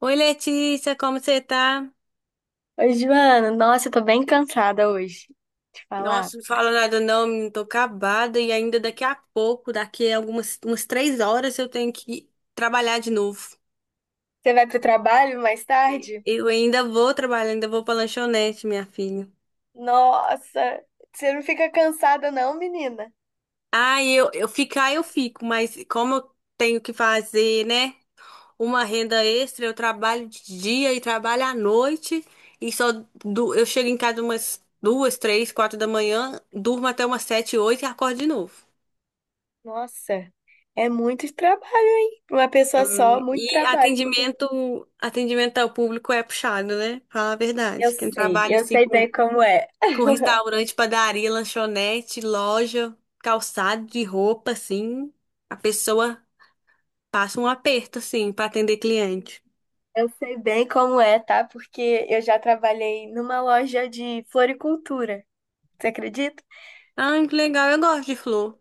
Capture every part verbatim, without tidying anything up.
Oi, Letícia, como você tá? Oi, Joana. Nossa, eu tô bem cansada hoje de falar. Nossa, não fala nada não, menina, tô acabada e ainda daqui a pouco, daqui a algumas umas três horas eu tenho que trabalhar de novo. Você vai pro trabalho mais E- tarde? Eu ainda vou trabalhar, ainda vou pra lanchonete, minha filha. Nossa, você não fica cansada não, menina? Ah, eu, eu ficar eu fico, mas como eu tenho que fazer, né, uma renda extra, eu trabalho de dia e trabalho à noite e só du- eu chego em casa umas duas, três, quatro da manhã, durmo até umas sete, oito e acordo de novo. Nossa, é muito trabalho, hein? Pra Uma pessoa só, muito E trabalho. atendimento, atendimento ao público é puxado, né? Fala a Eu verdade. Quem sei, trabalha eu assim sei com, bem como é. com restaurante, padaria, lanchonete, loja, calçado de roupa, assim, a pessoa passa um aperto, assim, para atender cliente. Eu sei bem como é, tá? Porque eu já trabalhei numa loja de floricultura. Você acredita? Ai, que legal, eu gosto de flor.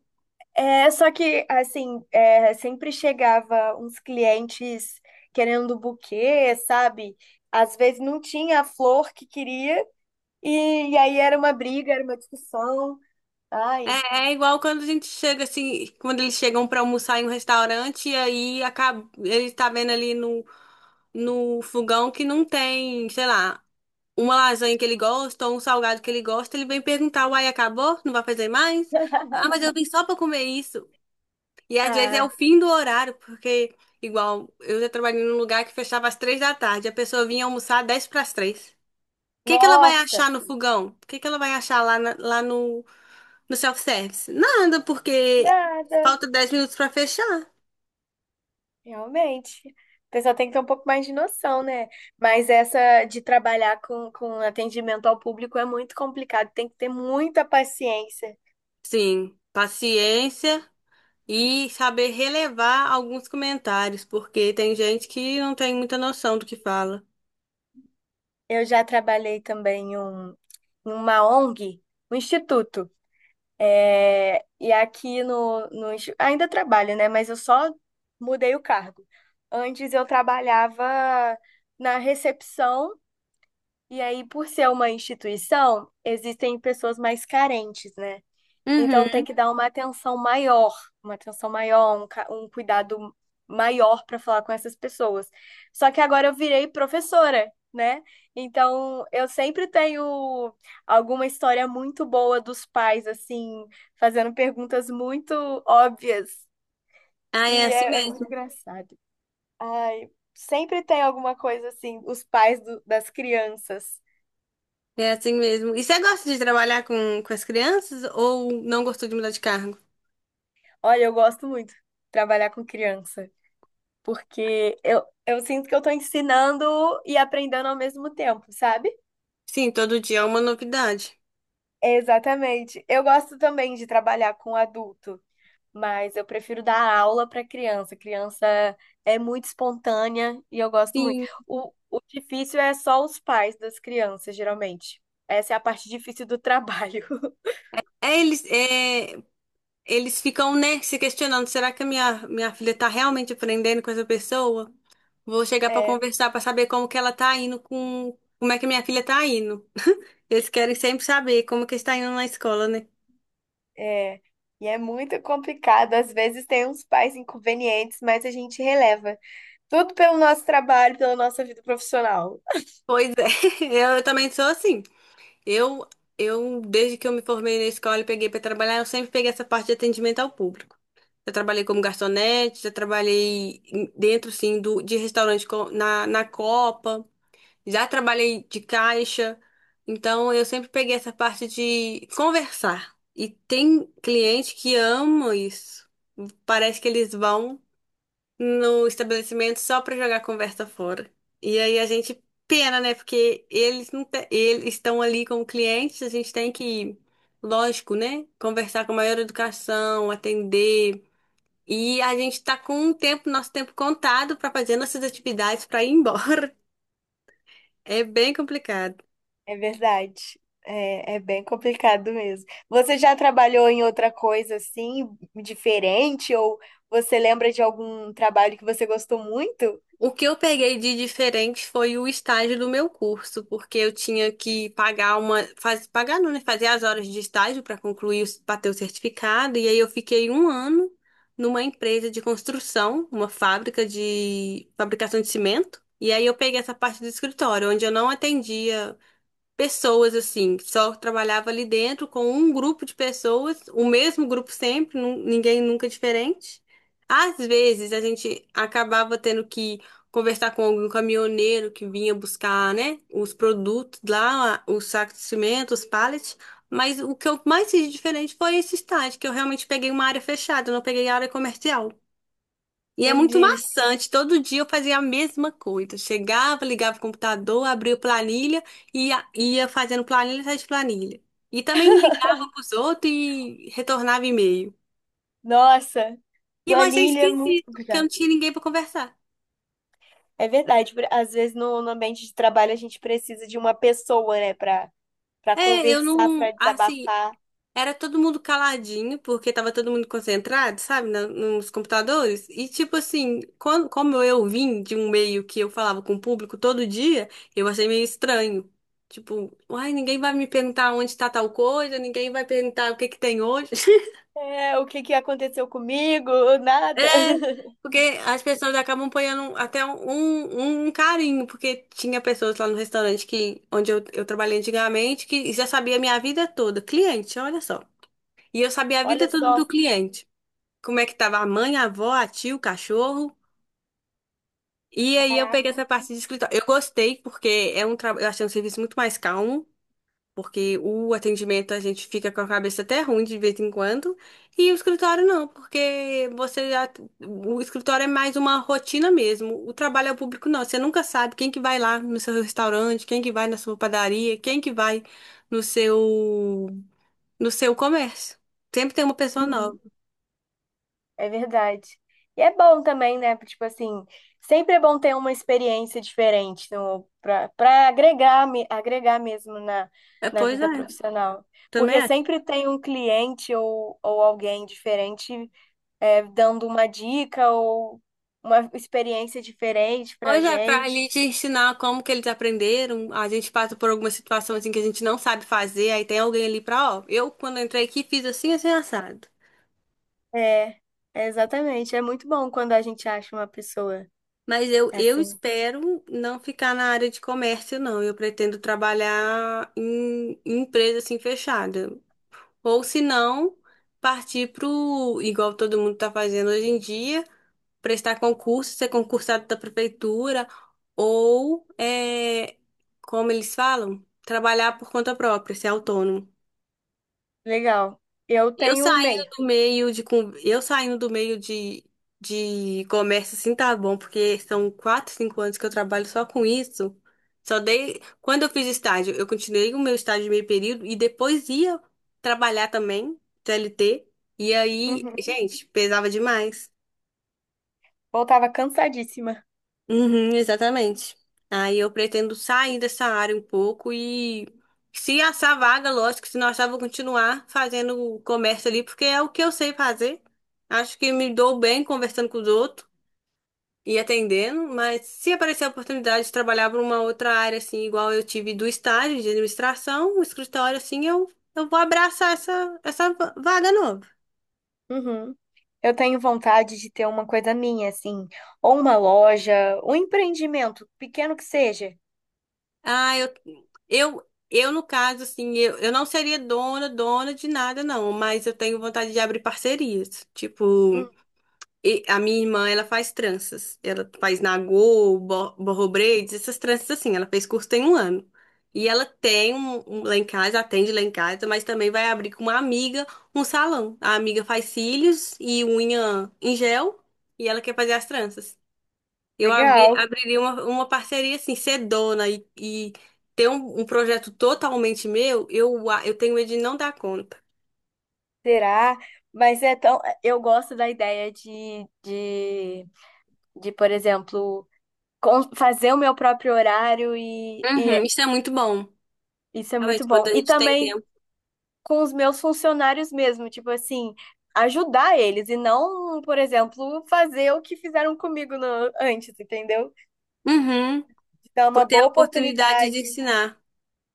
É, só que, assim, é, sempre chegava uns clientes querendo buquê, sabe? Às vezes não tinha a flor que queria, e, e aí era uma briga, era uma discussão. Ai, É, é igual quando a gente chega assim, quando eles chegam para almoçar em um restaurante e aí acaba, ele tá vendo ali no, no fogão que não tem, sei lá. Uma lasanha que ele gosta ou um salgado que ele gosta, ele vem perguntar, uai, acabou? Não vai fazer mais? Ah, mas eu vim só pra comer isso. E às vezes é o ai, fim do horário, porque, igual, eu já trabalhei num lugar que fechava às três da tarde, a pessoa vinha almoçar dez para as três. O que que ela vai nossa, achar no fogão? O que que ela vai achar lá, na- lá no, no self-service? Nada, porque nada, falta dez minutos pra fechar. realmente. A pessoa tem que ter um pouco mais de noção, né? Mas essa de trabalhar com, com atendimento ao público é muito complicado, tem que ter muita paciência. Sim, paciência e saber relevar alguns comentários, porque tem gente que não tem muita noção do que fala. Eu já trabalhei também em um- em uma O N G, um instituto. É, e aqui no, no insti- ainda trabalho, né? Mas eu só mudei o cargo. Antes eu trabalhava na recepção, e aí, por ser uma instituição, existem pessoas mais carentes, né? Então tem Uhum. que dar uma atenção maior, uma atenção maior, um, ca- um cuidado maior para falar com essas pessoas. Só que agora eu virei professora, né? Então eu sempre tenho alguma história muito boa dos pais, assim, fazendo perguntas muito óbvias. Ah, E é assim é, é mesmo. muito engraçado. Ai, sempre tem alguma coisa assim, os pais do- das crianças. É assim mesmo. E você gosta de trabalhar com, com as crianças ou não gostou de mudar de cargo? Olha, eu gosto muito de trabalhar com criança. Porque eu, eu sinto que eu tô ensinando e aprendendo ao mesmo tempo, sabe? Sim, todo dia é uma novidade. Exatamente. Eu gosto também de trabalhar com adulto, mas eu prefiro dar aula para criança. Criança é muito espontânea e eu gosto muito. Sim. O, o difícil é só os pais das crianças, geralmente. Essa é a parte difícil do trabalho. É, eles, é, eles ficam, né, se questionando: será que a minha, minha filha tá realmente aprendendo com essa pessoa? Vou chegar pra É, conversar pra saber como que ela tá indo com. Como é que minha filha tá indo? Eles querem sempre saber como que está indo na escola, né? é. E é muito complicado. Às vezes tem uns pais inconvenientes, mas a gente releva. Tudo pelo nosso trabalho, pela nossa vida profissional. Pois é, eu também sou assim. Eu, eu, desde que eu me formei na escola e peguei para trabalhar, eu sempre peguei essa parte de atendimento ao público. Já trabalhei como garçonete, já trabalhei em- dentro, sim, do, de restaurante co- na, na Copa, já trabalhei de caixa. Então, eu sempre peguei essa parte de conversar. E tem cliente que ama isso. Parece que eles vão no estabelecimento só pra jogar a conversa fora. E aí a gente pena, né? Porque eles não te- eles estão ali como clientes, a gente tem que, lógico, né? Conversar com a maior educação, atender. E a gente tá com o tempo, nosso tempo contado pra fazer nossas atividades pra ir embora. É bem complicado. É verdade. É, é bem complicado mesmo. Você já trabalhou em outra coisa assim, diferente? Ou você lembra de algum trabalho que você gostou muito? O que eu peguei de diferente foi o estágio do meu curso, porque eu tinha que pagar uma, faz, pagar não, né? Fazer as horas de estágio para concluir, para ter o certificado, e aí eu fiquei um ano numa empresa de construção, uma fábrica de fabricação de cimento, e aí eu peguei essa parte do escritório, onde eu não atendia pessoas assim, que só trabalhava ali dentro com um grupo de pessoas, o mesmo grupo sempre, nu- ninguém nunca diferente. Às vezes a gente acabava tendo que conversar com algum caminhoneiro que vinha buscar, né, os produtos lá, os sacos de cimento, os pallets. Mas o que eu mais fiz de diferente foi esse estágio, que eu realmente peguei uma área fechada, eu não peguei área comercial. E é muito Entendi. maçante. Todo dia eu fazia a mesma coisa. Chegava, ligava o computador, abria planilha e ia, ia fazendo planilha atrás de planilha. E também ligava pros outros e retornava e-mail. Nossa, E eu achei planilha é muito esquisito, porque eu não complicado. tinha ninguém para conversar. É verdade, por- às vezes no, no ambiente de trabalho a gente precisa de uma pessoa, né, para para É, eu conversar, não, para assim, desabafar. era todo mundo caladinho, porque tava todo mundo concentrado, sabe, na- nos computadores. E, tipo assim, quando, como eu vim de um meio que eu falava com o público todo dia, eu achei meio estranho. Tipo, uai, ninguém vai me perguntar onde tá tal coisa, ninguém vai perguntar o que que tem hoje. É, o que que aconteceu comigo? É, Nada. porque as pessoas acabam ponhando até um, um um, um carinho, porque tinha pessoas lá no restaurante que, onde eu, eu trabalhei antigamente que já sabia a minha vida toda. Cliente, olha só. E eu sabia a vida Olha toda do só. cliente. Como é que tava a mãe, a avó, a tia, o cachorro. E aí eu peguei Caraca. essa parte de escritório. Eu gostei porque é um trabalho, eu achei um serviço muito mais calmo, porque o atendimento a gente fica com a cabeça até ruim de vez em quando, e o escritório não, porque você já- o escritório é mais uma rotina mesmo. O trabalho ao público não, você nunca sabe quem que vai lá no seu restaurante, quem que vai na sua padaria, quem que vai no seu no seu comércio. Sempre tem uma pessoa nova. É verdade. E é bom também, né? Tipo assim, sempre é bom ter uma experiência diferente no, pra, pra agregar, me- agregar mesmo na, É, na pois é, vida profissional. Porque também sempre tem um cliente ou, ou alguém diferente é, dando uma dica ou uma experiência diferente pra pois é, pra ali gente. te ensinar como que eles aprenderam, a gente passa por alguma situação assim que a gente não sabe fazer, aí tem alguém ali pra, ó, eu quando entrei aqui fiz assim, assim, assado. É, é exatamente. É muito bom quando a gente acha uma pessoa Mas eu, eu assim. espero não ficar na área de comércio, não. Eu pretendo trabalhar em, em empresa assim fechada. Ou se não, partir pro, igual todo mundo tá fazendo hoje em dia, prestar concurso, ser concursado da prefeitura, ou, é, como eles falam, trabalhar por conta própria, ser autônomo. Legal. Eu Eu tenho o saindo meio. do meio de con- eu saindo do meio de, de comércio assim tá bom, porque são quatro, cinco anos que eu trabalho só com isso. Só dei quando eu fiz estágio, eu continuei o meu estágio de meio período e depois ia trabalhar também, C L T. E aí, Uhum. gente, pesava demais. Voltava cansadíssima. Uhum, exatamente. Aí eu pretendo sair dessa área um pouco e se achar vaga, lógico, se não achar, vou continuar fazendo comércio ali, porque é o que eu sei fazer. Acho que me dou bem conversando com os outros e atendendo, mas se aparecer a oportunidade de trabalhar para uma outra área, assim, igual eu tive do estágio de administração, o escritório, assim, eu, eu vou abraçar essa, essa va- vaga nova. Uhum. Eu tenho vontade de ter uma coisa minha, assim, ou uma loja, um empreendimento, pequeno que seja. Ah, eu, eu, eu no caso, assim, eu, eu não seria dona, dona de nada, não, mas eu tenho vontade de abrir parcerias. Tipo, Hum, e- a minha irmã, ela faz tranças. Ela faz nagô, bo- borro braids, essas tranças assim. Ela fez curso tem um ano. E ela tem um, um lá em casa, atende lá em casa, mas também vai abrir com uma amiga um salão. A amiga faz cílios e unha em gel e ela quer fazer as tranças. Eu abri, legal, abriria uma, uma parceria assim, ser dona e, e ter um, um projeto totalmente meu, eu, a- eu tenho medo de não dar conta. será? Mas é tão. Eu gosto da ideia de, de De, por exemplo, con- fazer o meu próprio horário e, e Uhum, isso é muito bom. isso é muito Realmente, quando bom. a E gente tem também tempo. com os meus funcionários mesmo, tipo assim, ajudar eles e não, por exemplo, fazer o que fizeram comigo no- antes, entendeu? Uhum, Dar por uma ter a boa oportunidade de oportunidade, ensinar.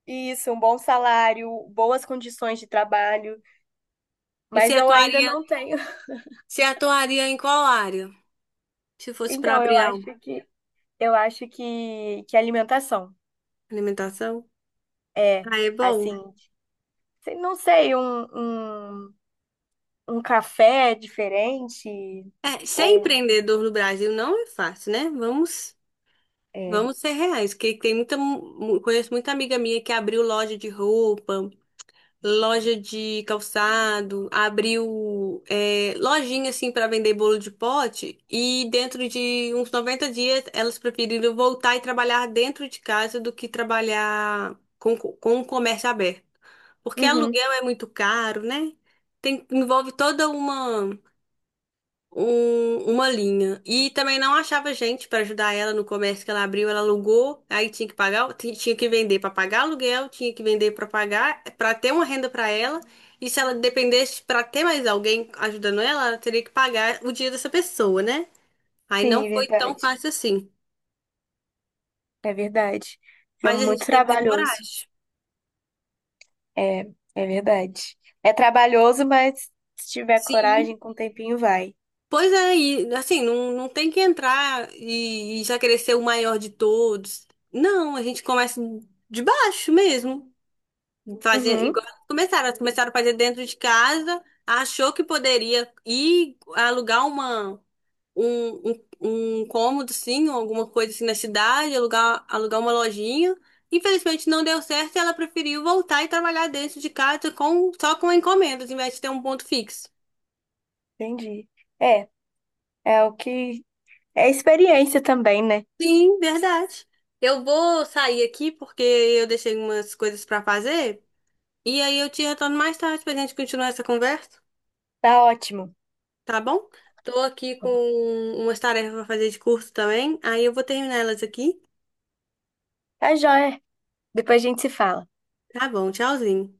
isso, um bom salário, boas condições de trabalho, E se mas eu ainda atuaria, não tenho. se atuaria em qual área? Se fosse para Então, eu abrir acho algo. que eu acho que, que alimentação Alimentação? é Ah, é bom. assim, não sei, um, um um café diferente, É, ser ou empreendedor no Brasil não é fácil, né? Vamos, é, vamos ser reais, porque tem muita, mu- conheço muita amiga minha que abriu loja de roupa, loja de calçado, abriu é, lojinha assim para vender bolo de pote e dentro de uns noventa dias elas preferiram voltar e trabalhar dentro de casa do que trabalhar com, com o comércio aberto. Porque uhum, aluguel é muito caro, né? Tem, envolve toda uma um- uma linha. E também não achava gente para ajudar ela no comércio que ela abriu, ela alugou, aí tinha que pagar, o- ti- tinha que vender para pagar aluguel, tinha que vender para pagar, para ter uma renda para ela. E se ela dependesse para ter mais alguém ajudando ela, ela teria que pagar o dia dessa pessoa, né? Aí não sim, é foi tão verdade, fácil assim. é verdade. É Mas a muito gente tem que ter trabalhoso, coragem. é, é verdade. É trabalhoso, mas se tiver Sim. coragem, com o tempinho vai. Pois é, e assim, não, não tem que entrar e, e já querer ser o maior de todos. Não, a gente começa de baixo mesmo. Fazer Uhum, igual elas começaram, elas começaram a fazer dentro de casa, achou que poderia ir alugar uma, um, um, um cômodo, assim, ou alguma coisa assim na cidade, alugar, alugar uma lojinha. Infelizmente não deu certo e ela preferiu voltar e trabalhar dentro de casa com, só com encomendas, em vez de ter um ponto fixo. entendi. É, é o que é experiência também, né? Sim, verdade. Eu vou sair aqui porque eu deixei umas coisas para fazer e aí eu te retorno mais tarde pra gente continuar essa conversa. Tá ótimo. Tá bom? Tô aqui com umas tarefas pra fazer de curso também. Aí eu vou terminar elas aqui. Tá jóia. Depois a gente se fala. Tá bom, tchauzinho.